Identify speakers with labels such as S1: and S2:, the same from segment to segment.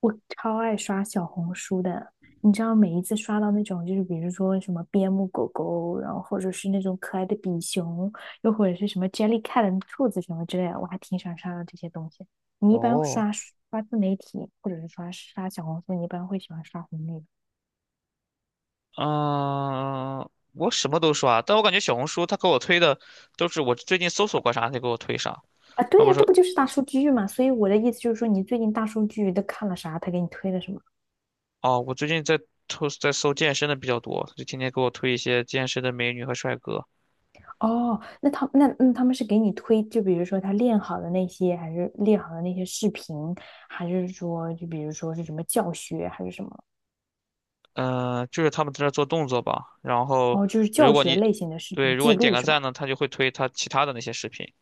S1: 我超爱刷小红书的，你知道每一次刷到那种，就是比如说什么边牧狗狗，然后或者是那种可爱的比熊，又或者是什么 Jellycat 兔子什么之类的，我还挺喜欢刷到这些东西。你一般
S2: 哦，
S1: 刷刷自媒体，或者是刷刷小红书，你一般会喜欢刷红利吧
S2: 嗯，我什么都刷，但我感觉小红书他给我推的都是我最近搜索过啥，他给我推啥。
S1: 啊？
S2: 而
S1: 对
S2: 不
S1: 呀，这
S2: 是
S1: 不就是大数据嘛？所以我的意思就是说，你最近大数据都看了啥？他给你推了什么？
S2: 哦，我最近在搜健身的比较多，就天天给我推一些健身的美女和帅哥。
S1: 哦，那他他们是给你推，就比如说他练好的那些，还是练好的那些视频，还是说就比如说是什么教学，还是什么？
S2: 嗯、就是他们在那做动作吧。然后
S1: 哦，就是
S2: 如
S1: 教
S2: 果
S1: 学
S2: 你
S1: 类型的视
S2: 对，
S1: 频
S2: 如果
S1: 记
S2: 你点
S1: 录
S2: 个
S1: 是
S2: 赞
S1: 吧？
S2: 呢，他就会推他其他的那些视频。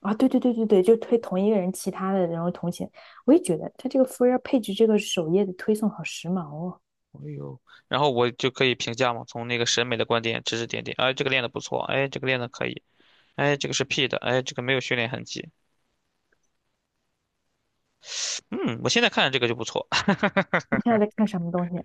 S1: 啊，对对对对对，就推同一个人其他的，然后同前，我也觉得他这个 For You Page 这个首页的推送好时髦哦。
S2: 哎呦，然后我就可以评价嘛，从那个审美的观点指指点点。哎，这个练的不错，哎，这个练的可以，哎，这个是 P 的，哎，这个没有训练痕迹。嗯，我现在看着这个就不错，
S1: 你现在在看什么东西？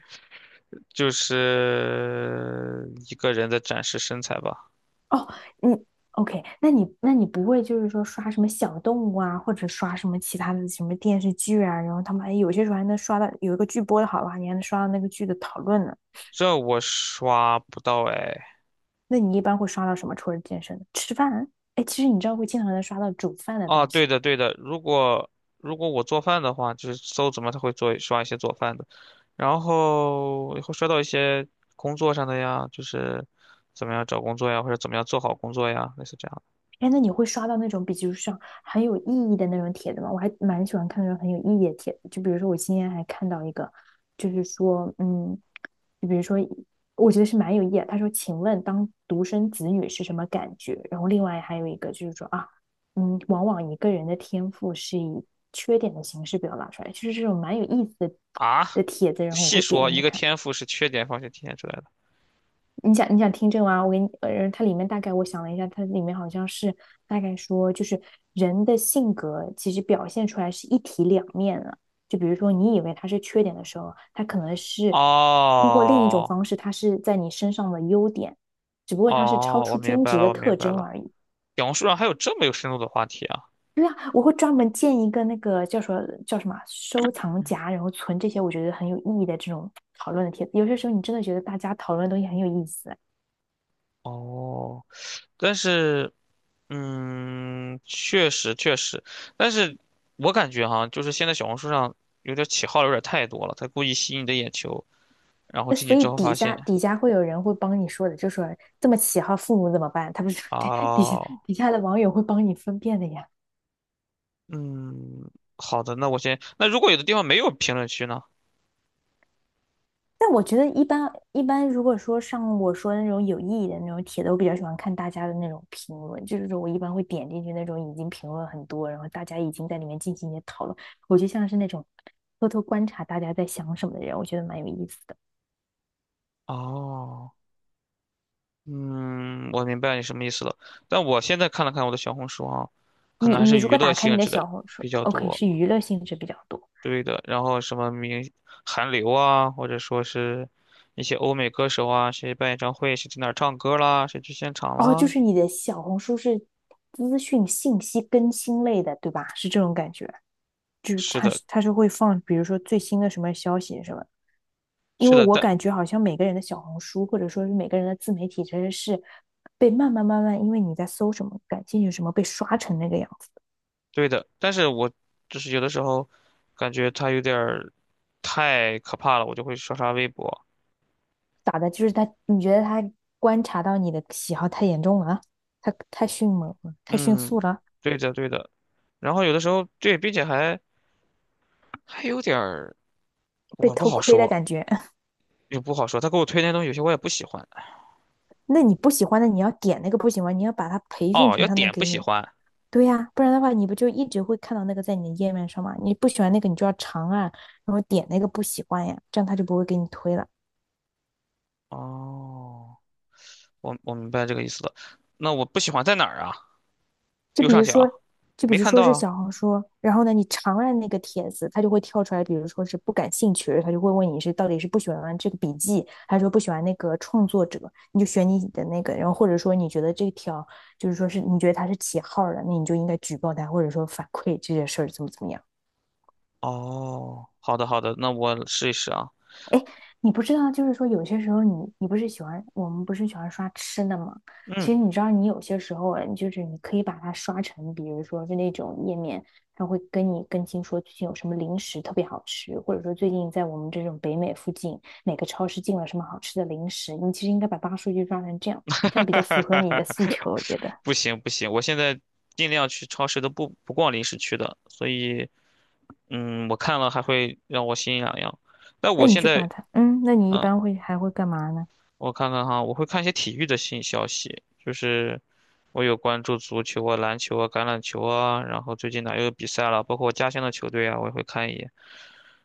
S2: 就是一个人的展示身材吧。
S1: 哦，你 OK?那你不会就是说刷什么小动物啊，或者刷什么其他的什么电视剧啊？然后他们哎，有些时候还能刷到有一个剧播的好的话，你还能刷到那个剧的讨论呢。
S2: 这我刷不到哎。
S1: 那你一般会刷到什么？除了健身，吃饭啊？哎，其实你知道会经常能刷到煮饭的
S2: 啊，
S1: 东西。
S2: 对的对的，如果我做饭的话，就是搜怎么他会做刷一些做饭的，然后会刷到一些工作上的呀，就是怎么样找工作呀，或者怎么样做好工作呀，类似这样的。
S1: 哎，那你会刷到那种，比如像很有意义的那种帖子吗？我还蛮喜欢看那种很有意义的帖子，就比如说我今天还看到一个，就是说，就比如说，我觉得是蛮有意义的。他说："请问当独生子女是什么感觉？"然后另外还有一个就是说啊，往往一个人的天赋是以缺点的形式表达出来，就是这种蛮有意思的
S2: 啊，
S1: 的帖子，然后我
S2: 细
S1: 会点
S2: 说
S1: 进
S2: 一
S1: 去
S2: 个
S1: 看。
S2: 天赋是缺点方向体现出来的。
S1: 你想你想听这个吗？我给你，它里面大概我想了一下，它里面好像是大概说，就是人的性格其实表现出来是一体两面的。就比如说，你以为它是缺点的时候，它可能是通过另一种
S2: 哦
S1: 方式，它是在你身上的优点，只不过它是超
S2: 哦，我
S1: 出
S2: 明
S1: 均
S2: 白
S1: 值
S2: 了，
S1: 的
S2: 我明
S1: 特
S2: 白
S1: 征
S2: 了。
S1: 而已。
S2: 小红书上还有这么有深度的话题啊！
S1: 对啊，我会专门建一个那个叫什么叫什么啊收藏夹，然后存这些我觉得很有意义的这种讨论的帖子。有些时候你真的觉得大家讨论的东西很有意思。
S2: 哦，但是，嗯，确实确实，但是我感觉哈，就是现在小红书上有点起号有点太多了，他故意吸引你的眼球，然后
S1: 那
S2: 进
S1: 所
S2: 去
S1: 以
S2: 之后
S1: 底
S2: 发
S1: 下
S2: 现，
S1: 底下会有人会帮你说的，就说这么起号，父母怎么办？他不是对 底下
S2: 啊，
S1: 底下的网友会帮你分辨的呀。
S2: 嗯，好的，那我先，那如果有的地方没有评论区呢？
S1: 但我觉得一般，如果说像我说的那种有意义的那种帖子，我比较喜欢看大家的那种评论，就是说我一般会点进去那种已经评论很多，然后大家已经在里面进行一些讨论。我就像是那种偷偷观察大家在想什么的人，我觉得蛮有意思的。
S2: 哦，嗯，我明白你什么意思了，但我现在看了看我的小红书啊，可
S1: 你
S2: 能还
S1: 你
S2: 是
S1: 如
S2: 娱
S1: 果
S2: 乐
S1: 打开
S2: 性
S1: 你的
S2: 质的
S1: 小红书
S2: 比较
S1: ，OK,
S2: 多。
S1: 是娱乐性质比较多。
S2: 对的，然后什么明韩流啊，或者说是一些欧美歌手啊，谁办演唱会，谁在哪儿唱歌啦，谁去现场
S1: 哦，就
S2: 啦。
S1: 是你的小红书是资讯信息更新类的，对吧？是这种感觉，就是
S2: 是
S1: 它
S2: 的，
S1: 是它是会放，比如说最新的什么消息什么。因
S2: 是
S1: 为
S2: 的，
S1: 我
S2: 但
S1: 感觉好像每个人的小红书或者说是每个人的自媒体，其实是被慢慢慢慢，因为你在搜什么感兴趣什么，被刷成那个样子。
S2: 对的，但是我就是有的时候感觉他有点儿太可怕了，我就会刷刷微博。
S1: 打的就是他，你觉得他观察到你的喜好太严重了他太迅猛了，太迅
S2: 嗯，
S1: 速了，
S2: 对的，对的。然后有的时候对，并且还还有点儿，
S1: 被
S2: 我不
S1: 偷
S2: 好
S1: 窥的
S2: 说，
S1: 感觉。
S2: 也不好说。他给我推那东西，有些我也不喜欢。
S1: 那你不喜欢的，你要点那个不喜欢，你要把它培训
S2: 哦，
S1: 成
S2: 要
S1: 他能
S2: 点不
S1: 给
S2: 喜
S1: 你
S2: 欢。
S1: 对呀，不然的话，你不就一直会看到那个在你的页面上吗？你不喜欢那个，你就要长按，然后点那个不喜欢呀，这样他就不会给你推了。
S2: 哦。我明白这个意思了。那我不喜欢在哪儿啊？
S1: 就
S2: 右
S1: 比
S2: 上
S1: 如说，
S2: 角，
S1: 就比
S2: 没
S1: 如
S2: 看
S1: 说
S2: 到
S1: 是
S2: 啊。
S1: 小红书，然后呢，你长按那个帖子，它就会跳出来，比如说是不感兴趣，他就会问你是到底是不喜欢这个笔记，还是说不喜欢那个创作者，你就选你的那个，然后或者说你觉得这条就是说是你觉得他是起号儿的，那你就应该举报他，或者说反馈这件事儿怎么怎么样。
S2: 哦，好的好的，那我试一试啊。
S1: 你不知道，就是说有些时候你你不是喜欢我们不是喜欢刷吃的吗？其
S2: 嗯，
S1: 实你知道，你有些时候哎，就是你可以把它刷成，比如说就那种页面，它会跟你更新说最近有什么零食特别好吃，或者说最近在我们这种北美附近哪个超市进了什么好吃的零食。你其实应该把大数据抓成这样，这样比较符合你的诉求，我觉得。
S2: 不行不行，我现在尽量去超市都不逛零食区的，所以嗯，我看了还会让我心痒痒。但
S1: 那
S2: 我
S1: 你
S2: 现
S1: 就把
S2: 在
S1: 它，那你一
S2: 嗯，
S1: 般会还会干嘛呢？
S2: 我看看哈，我会看一些体育的新消息，就是我有关注足球啊、篮球啊、橄榄球啊，然后最近哪又有比赛了，包括我家乡的球队啊，我也会看一眼。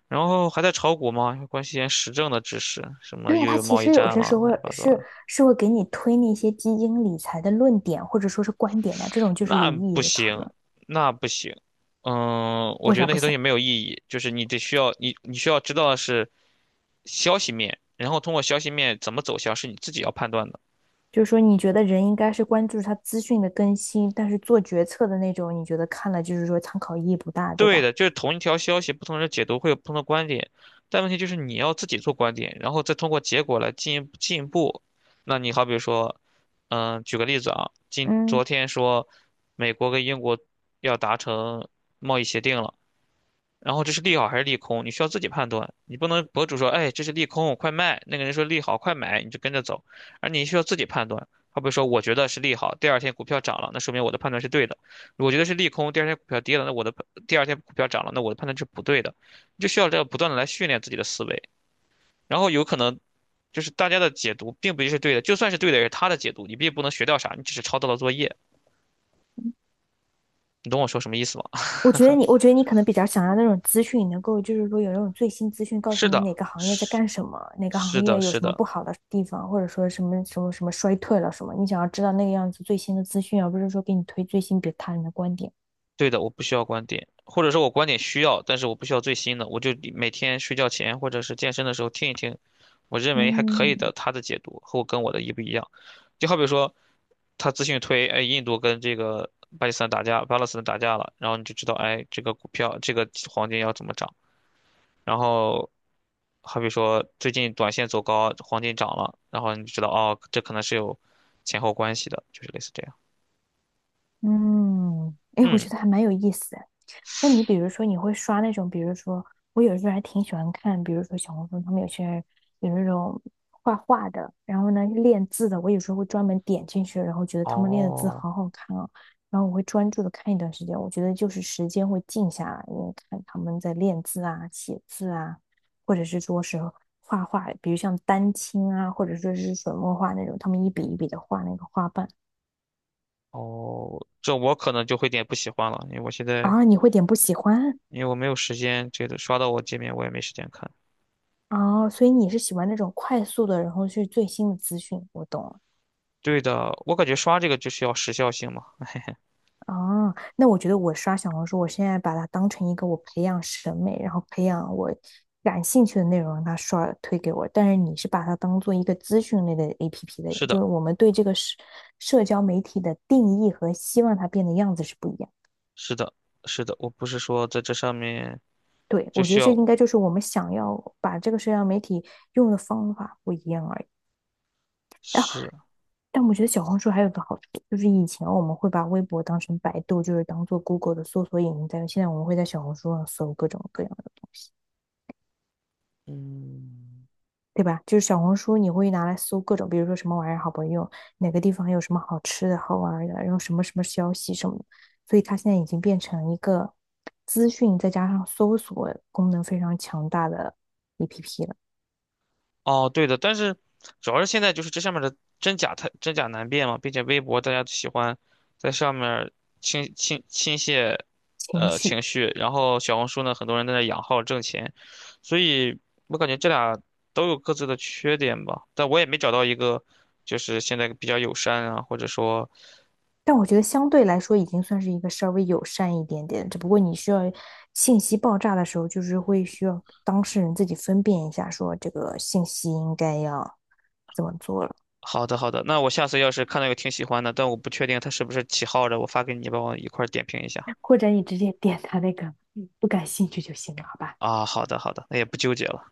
S2: 然后还在炒股吗？关心点时政的知识，什么
S1: 对呀，
S2: 又
S1: 他
S2: 有
S1: 其
S2: 贸易
S1: 实有
S2: 战
S1: 些时
S2: 了，
S1: 候
S2: 乱七八糟
S1: 是
S2: 的，
S1: 是会给你推那些基金理财的论点或者说是观点的，这种就是有
S2: 那
S1: 意义
S2: 不
S1: 的讨
S2: 行，
S1: 论。
S2: 那不行。嗯，我
S1: 为
S2: 觉得
S1: 啥
S2: 那
S1: 不
S2: 些东
S1: 想？
S2: 西没有意义，就是你得需要你需要知道的是消息面，然后通过消息面怎么走向是你自己要判断的。
S1: 就是说，你觉得人应该是关注他资讯的更新，但是做决策的那种，你觉得看了就是说参考意义不大，对
S2: 对
S1: 吧？
S2: 的，就是同一条消息，不同人解读会有不同的观点，但问题就是你要自己做观点，然后再通过结果来进一步进一步。那你好比说，嗯，举个例子啊，
S1: 嗯，
S2: 昨天说美国跟英国要达成贸易协定了。然后这是利好还是利空，你需要自己判断。你不能博主说，哎，这是利空，快卖；那个人说利好，快买，你就跟着走。而你需要自己判断。他比会说，我觉得是利好，第二天股票涨了，那说明我的判断是对的；我觉得是利空，第二天股票跌了，那我的第二天股票涨了，那我的判断是不对的。你就需要这样不断的来训练自己的思维。然后有可能就是大家的解读并不一定是对的，就算是对的，也是他的解读，你并不能学到啥，你只是抄到了作业。你懂我说什么意思吗？
S1: 我觉得你，我觉得你可能比较想要那种资讯，能够就是说有那种最新资讯，告
S2: 是
S1: 诉你
S2: 的，
S1: 哪个行业在
S2: 是
S1: 干什么，哪个行
S2: 是的，
S1: 业有
S2: 是
S1: 什么
S2: 的。
S1: 不好的地方，或者说什么什么什么衰退了什么，你想要知道那个样子最新的资讯，而不是说给你推最新别他人的观点。
S2: 对的，我不需要观点，或者说我观点需要，但是我不需要最新的，我就每天睡觉前或者是健身的时候听一听，我认为还可
S1: 嗯
S2: 以的他的解读和我跟我的一不一样。就好比说，他资讯推，哎，印度跟这个巴基斯坦打架，巴勒斯坦打架了，然后你就知道，哎，这个股票这个黄金要怎么涨。然后好比说最近短线走高，黄金涨了，然后你就知道，哦，这可能是有前后关系的，就是类似这样。
S1: 嗯，哎，我觉
S2: 嗯，
S1: 得还蛮有意思的。那你比如说，你会刷那种，比如说，我有时候还挺喜欢看，比如说小红书，他们有些人有那种画画的，然后呢练字的，我有时候会专门点进去，然后觉得他们练的字
S2: 哦。
S1: 好好看哦，然后我会专注的看一段时间。我觉得就是时间会静下来，因为看他们在练字啊、写字啊，或者是说是画画，比如像丹青啊，或者说是水墨画那种，他们一笔一笔的画那个花瓣。
S2: 哦，这我可能就会有点不喜欢了，因为我现在
S1: 啊，你会点不喜欢
S2: 因为我没有时间，这个刷到我界面我也没时间看。
S1: 啊，所以你是喜欢那种快速的，然后去最新的资讯。我懂了。
S2: 对的，我感觉刷这个就需要时效性嘛。
S1: 啊。那我觉得我刷小红书，我现在把它当成一个我培养审美，然后培养我感兴趣的内容，让它刷推给我。但是你是把它当做一个资讯类的 APP 的人
S2: 是
S1: 就
S2: 的，
S1: 是我们对这个社交媒体的定义和希望它变的样子是不一样。
S2: 是的，是的，我不是说在这上面
S1: 对，
S2: 就
S1: 我觉
S2: 需
S1: 得
S2: 要
S1: 这应该就是我们想要把这个社交媒体用的方法不一样而已。
S2: 是，
S1: 但我觉得小红书还有个好处，就是以前我们会把微博当成百度，就是当做 Google 的搜索引擎在用。现在我们会在小红书上搜各种各样的东西，
S2: 嗯。
S1: 对吧？就是小红书你会拿来搜各种，比如说什么玩意儿好不好用，哪个地方有什么好吃的、好玩的，然后什么什么消息什么的。所以它现在已经变成一个资讯再加上搜索功能非常强大的 APP 了，
S2: 哦，对的，但是主要是现在就是这上面的真假太真假难辨嘛，并且微博大家喜欢在上面儿倾泻
S1: 情绪。
S2: 情绪，然后小红书呢，很多人在那养号挣钱，所以我感觉这俩都有各自的缺点吧，但我也没找到一个就是现在比较友善啊，或者说
S1: 但我觉得相对来说已经算是一个稍微友善一点点，只不过你需要信息爆炸的时候，就是会需要当事人自己分辨一下，说这个信息应该要怎么做了。
S2: 好的好的，那我下次要是看到有挺喜欢的，但我不确定他是不是起号的，我发给你，帮我一块儿点评一下。
S1: 或者你直接点他那个不感兴趣就行了，好吧？
S2: 啊，好的好的，那也不纠结了。